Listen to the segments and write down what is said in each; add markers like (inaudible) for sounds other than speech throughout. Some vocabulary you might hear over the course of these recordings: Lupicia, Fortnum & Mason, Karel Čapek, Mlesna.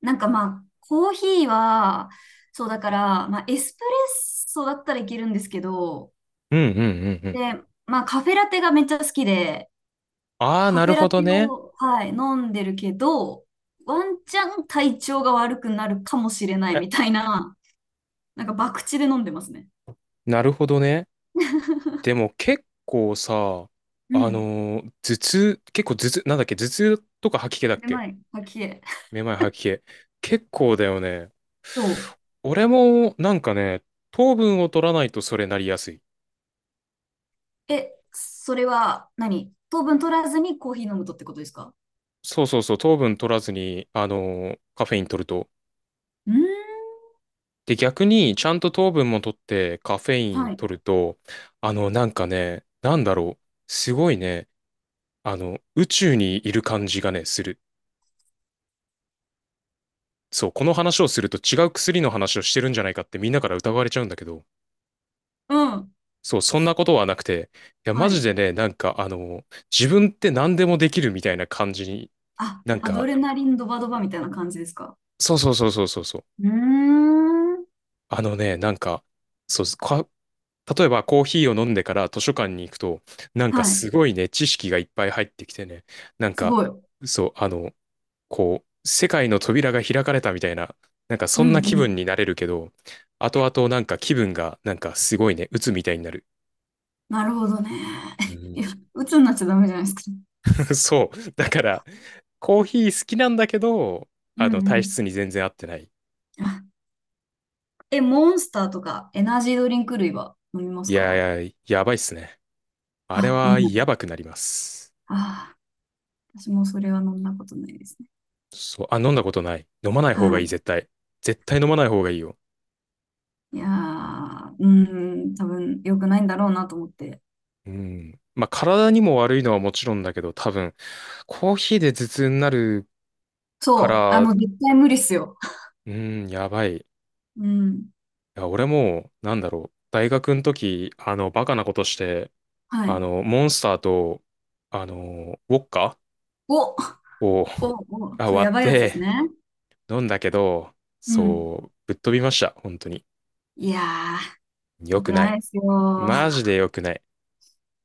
なんかまあ、コーヒーは、そうだから、まあ、エスプレッソだったらいけるんですけど、うんうんうんうん。で、まあ、カフェラテがめっちゃ好きで、ああ、カなフるェラほテどね。を、はい、飲んでるけど、ワンチャン体調が悪くなるかもしれないえ、みたいな、なんか博打で飲んでますね。なるほどね。でも結構さ、うん。頭痛、結構頭痛、なんだっけ、頭痛とか吐き気だっで、け、まい吐きえ。めまい吐き気。結構だよね。そ俺もなんかね、糖分を取らないとそれなりやすい。う。え、それは何、糖分取らずにコーヒー飲むとってことですか？そうそうそう、糖分取らずに、カフェイン取ると。うーん。で、逆にちゃんと糖分も取ってカフェインはい。取ると、あの、なんかね、なんだろう。すごいね、あの、宇宙にいる感じがね、する。そう、この話をすると違う薬の話をしてるんじゃないかってみんなから疑われちゃうんだけど、うん。そう、そんなことはなくて、いや、マはジい。でね、なんか、あの、自分って何でもできるみたいな感じに、あ、なんアドか、レナリンドバドバみたいな感じですか？そうそうそうそうそうそう、うーん。あのね、なんか、そう、か、例えばコーヒーを飲んでから図書館に行くと、なんかはすい。ごいね、知識がいっぱい入ってきてね、なんすか、ごい。うそう、あの、こう、世界の扉が開かれたみたいな、なんかそんんなう気ん。分になれるけど、後々なんか気分がなんかすごいね、鬱みたいになる。なるほどね。う (laughs) ん。 いや、鬱になっちゃダメじゃないですか。(laughs) そう。だから、コーヒー好きなんだけど、うあの、んう体質ん。に全然合ってない。あ、え、モンスターとかエナジードリンク類は飲みまいすか？やいや、やばいっすね。あれあ、飲はやむ。ばくなります。ああ私もそれは飲んだことないですね。そう。あ、飲んだことない。飲まない方がはいい、い。絶対。絶対飲まない方がいいよ。いやー、うーん、多分良くないんだろうなと思って。うん。まあ、体にも悪いのはもちろんだけど、多分、コーヒーで頭痛になるかそう、あら、の、絶対無理っすよ。うん、やばい。うん。いや、俺も、なんだろう、大学の時、あの、バカなことして、はあい。の、モンスターと、あの、ウォッカお、お、を (laughs) お、あ、そう、割やっばいやつですてね。飲んだけど、うん。そう、ぶっ飛びました、本当に。いやー、良良くくなないい。ですよ。マジで良くない。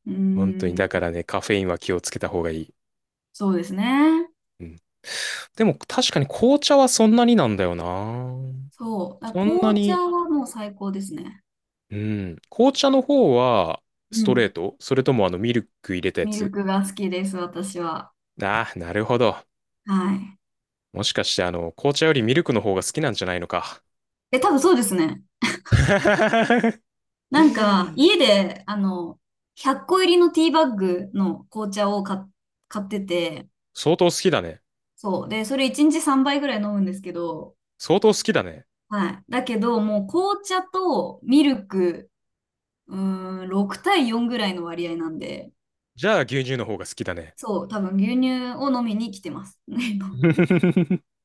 うー本当に、だかん。らね、カフェインは気をつけた方がいい。そうですね。うん。でも、確かに紅茶はそんなになんだよな。そう。だそんな紅茶に、はもう最高ですね。うん。紅茶の方は、うストレーん。ト、それともあの、ミルク入れたやミルつ？クが好きです、私は。ああー、なるほど。はい。もしかして、あの、紅茶よりミルクの方が好きなんじゃないのか。え、多分そうですね。(laughs) なんか、家で、あの、100個入りのティーバッグの紅茶を買ってて、相当好きだね。そう。で、それ1日3杯ぐらい飲むんですけど、相当好きだね。はい。だけど、もう紅茶とミルク、うーん、6対4ぐらいの割合なんで、じゃあ牛乳の方が好きだね。そう、多分牛乳を飲みに来てます。(laughs) (laughs)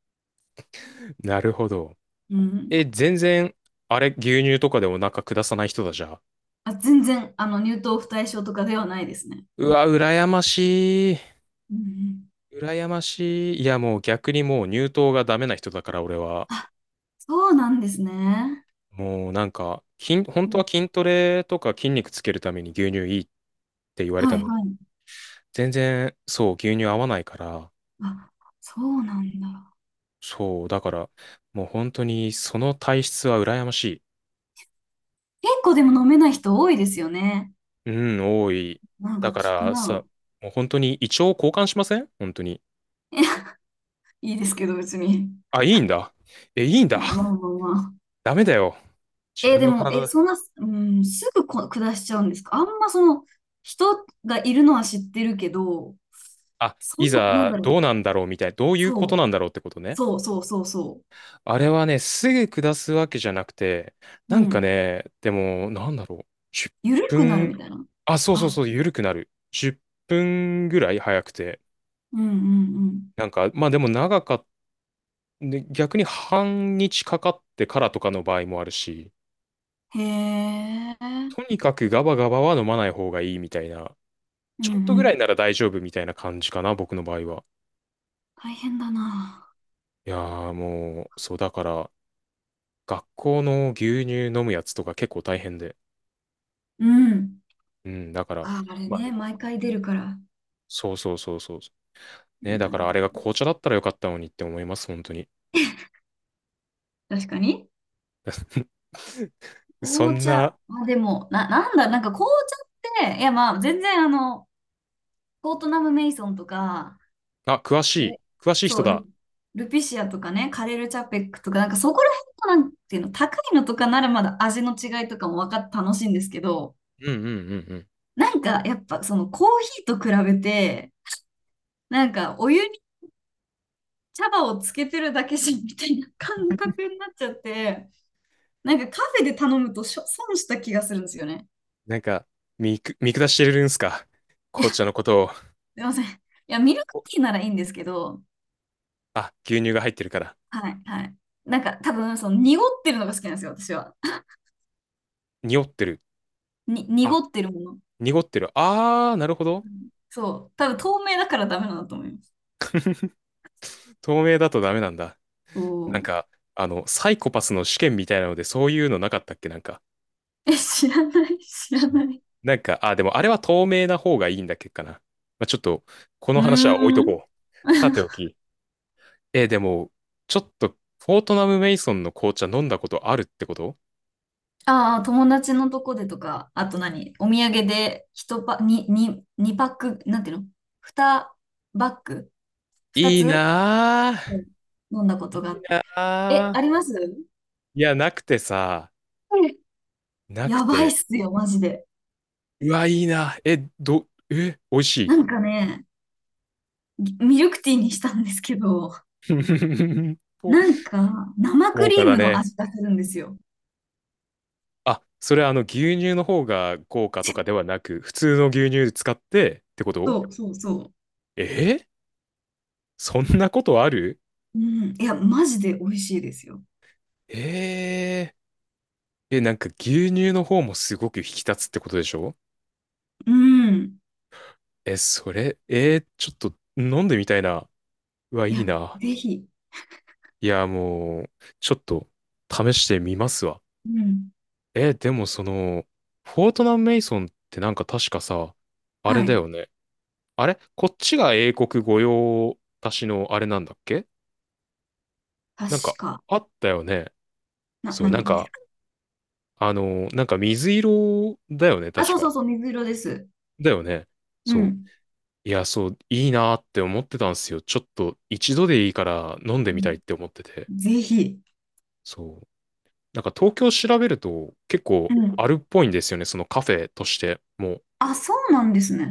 なるほど。うん。え、全然、あれ、牛乳とかでお腹下さない人だじゃあ。あ、全然、あの、乳糖不対症とかではないですね。うわ、羨ましい。うんうん。羨ましい。いや、もう逆にもう乳糖がダメな人だから俺は。あ、そうなんですね。もうなんか、筋、本うんう当ん。は筋トレとか筋肉つけるために牛乳いいって言われはたいのに。はい。全然、そう、牛乳合わないから。あ、そうなんだ。そう、だから、もう本当にその体質は羨まし結構でも飲めない人多いですよね。い。うん、多い。なんかだか聞くらさ、な。もう本当に胃腸交換しません本当に。(laughs) いいですけど、別に。あ、いいんだ。え、いいんだ。まあ (laughs) まあまあ。ダメだよ。自え、分でのも、え、体、そんな、うん、すぐ下しちゃうんですか？あんまその、人がいるのは知ってるけど、あ、そいの、なんざだろどう。うなんだろうみたいな、どういうこそとなう、んだろうってことね。そうそうそうそあれはね、すぐ下すわけじゃなくて、う。うなんかん。ね、でも、なんだろう。10緩くなるみ分、たいな。あ、そうそうあ、そう、緩くなる。10分ぐらい早くて。うんうんなんか、まあでも長かっで、逆に半日かかってからとかの場合もあるし、うん。へえ。とにかくガバガバは飲まない方がいいみたいな、うんちょうっとぐらん。いなら大丈夫みたいな感じかな、僕の場合は。大変だな。いやーもう、そうだから、学校の牛乳飲むやつとか結構大変で。うん。うん、だから、あ、あれまあね、ね、毎回出るから。そうそうそうそう。ね、だなるかほらあれがど。紅茶だったらよかったのにって思います、本当に。確かに。(laughs) そ紅ん茶。な、あ、でも、なんだ、なんか紅茶って、いやまあ、全然あの、コートナム・メイソンとか、あ、詳しあい。れ詳しいそ人う、ル、だ。ルピシアとかね、カレル・チャペックとか、なんかそこら辺のなんていうの、高いのとかならまだ味の違いとかも分かって楽しいんですけど、うんうんうんうん。なんかやっぱそのコーヒーと比べて、なんかお湯に茶葉をつけてるだけしみたいな感覚になっちゃって、なんかカフェで頼むとしょ損した気がするんですよね。なんか、見く、見下してるんすか？ (laughs) いや、紅す茶のことを。いません。いや、ミルクお、ティーならいいんですけど、あ、牛乳が入ってるから。はい、はい。なんか多分、その濁ってるのが好きなんですよ、私は。濁ってる。に、濁あ、ってるもの。濁ってる。あー、なるほど。うんそう。多分透明だからダメなんだと思います。透明だとダメなんだ。おなんーか、あの、サイコパスの試験みたいなので、そういうのなかったっけなんか。え、知らない、知らない。なんか、あ、でもあれは透明な方がいいんだっけかな。まあ、ちょっと、こうの話は置いとーん。こう。さてお (laughs) き。えー、でも、ちょっと、フォートナム・メイソンの紅茶飲んだことあるってこと？ああ、友達のとこでとか、あと何お土産で一パ、にに2パック、なんていうの？ 2 バッグ？ いい 2 つ、なうん、飲んだこぁ。いといがあって。え、あなります？うん、ぁ。いや、なくてさ、なくやばいって。すよ、マジで。うわ、いいな。え、ど、え、美味しい？なんかね、ミルクティーにしたんですけど、(laughs) こ、なんか生ク高リ価ーだムのね。味がするんですよ。あ、それはあの牛乳の方が高価とかではなく、普通の牛乳使ってってこと？そうそうそえー、そんなことある？う。うん。いや、マジで美味しいですよ。えー、え、なんか牛乳の方もすごく引き立つってことでしょ？うん。え、それ、えーちょっと飲んでみたいな。うわ、いいいや、な。ぜひ。いや、もう、ちょっと試してみますわ。うん。え、でもその、フォートナム・メイソンってなんか確かさ、あれはだい。よね。あれこっちが英国御用達のあれなんだっけ？確なんかか。あったよね。な、そう、なん何がね。か、あの、なんか水色だよね、あ、確そうそか。うそう、水色です。だよね。うそん。う。いや、そう、いいなーって思ってたんですよ。ちょっと一度でいいから飲んでうみたいっん、て思ってて。ぜひ。そう。なんか東京調べると結う構ん。あるっぽいんですよね、そのカフェとして。もう、あ、そうなんですね。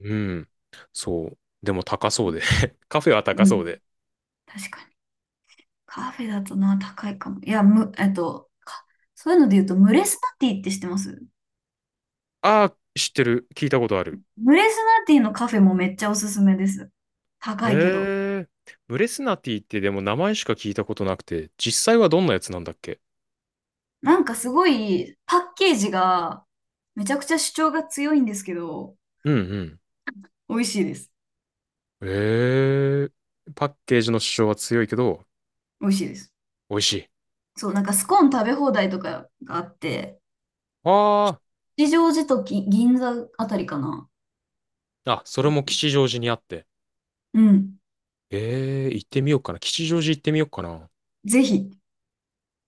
うん。そう。でも高そうで。(laughs) カフェは高うそん。うで。確かに。カフェだとな、高いかも。いや、む、えっと、か、そういうので言うと、ムレスナティって知ってます？ああ、知ってる。聞いたことある。ムレスナティのカフェもめっちゃおすすめです。高いけど。ええ。ブレスナティってでも名前しか聞いたことなくて、実際はどんなやつなんだっけ？なんかすごい、パッケージが、めちゃくちゃ主張が強いんですけど、うん美味しいです。うん。ええ。パッケージの主張は強いけど、美味しいです。美味しい。そう、なんかスコーン食べ放題とかがあって、あ吉祥寺と銀座あたりかな。あ。あ、そそれう。も吉祥寺にあって。うん。ええ、行ってみようかな。吉祥寺行ってみようかな。ぜひ。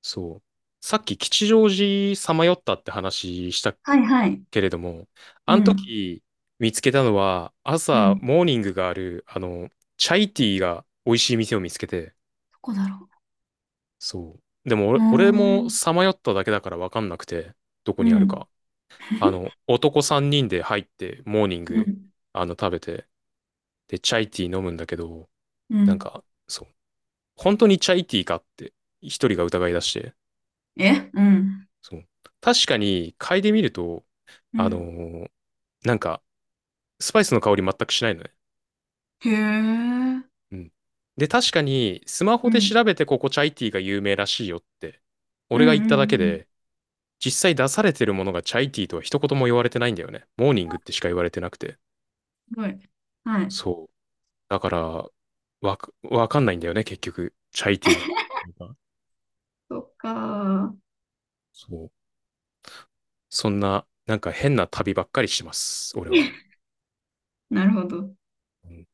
そう。さっき吉祥寺さまよったって話したはいはい。けれども、うあのん。時見つけたのは、う朝ん。どモーニングがある、あの、チャイティーが美味しい店を見つけて、こだろそう。でもう。うー俺、俺もん。さまよっただけだから分かんなくて、どこうにあるん。か。あの、男3人で入って、モーニンうグ、ん。あの、食べて、で、チャイティー飲むんだけど、うなんん。か、そう。本当にチャイティーかって、一人が疑い出して、えうん。そう。確かに、嗅いでみると、うあのん。ーなんか、スパイスの香り全くしないのね。へえ。うん。で、確かに、スマホうで調ん。べてここチャイティーが有名らしいよって、う俺が言っんたうんだうけん。で、実際出されてるものがチャイティーとは一言も言われてないんだよね。モーニングってしか言われてなくて。すごい。はい。そう。だから、わか、わかんないんだよね、結局。チャイティーの。そっかー。そう。そんな、なんか変な旅ばっかりしてます、俺は。(laughs) なるほど。うん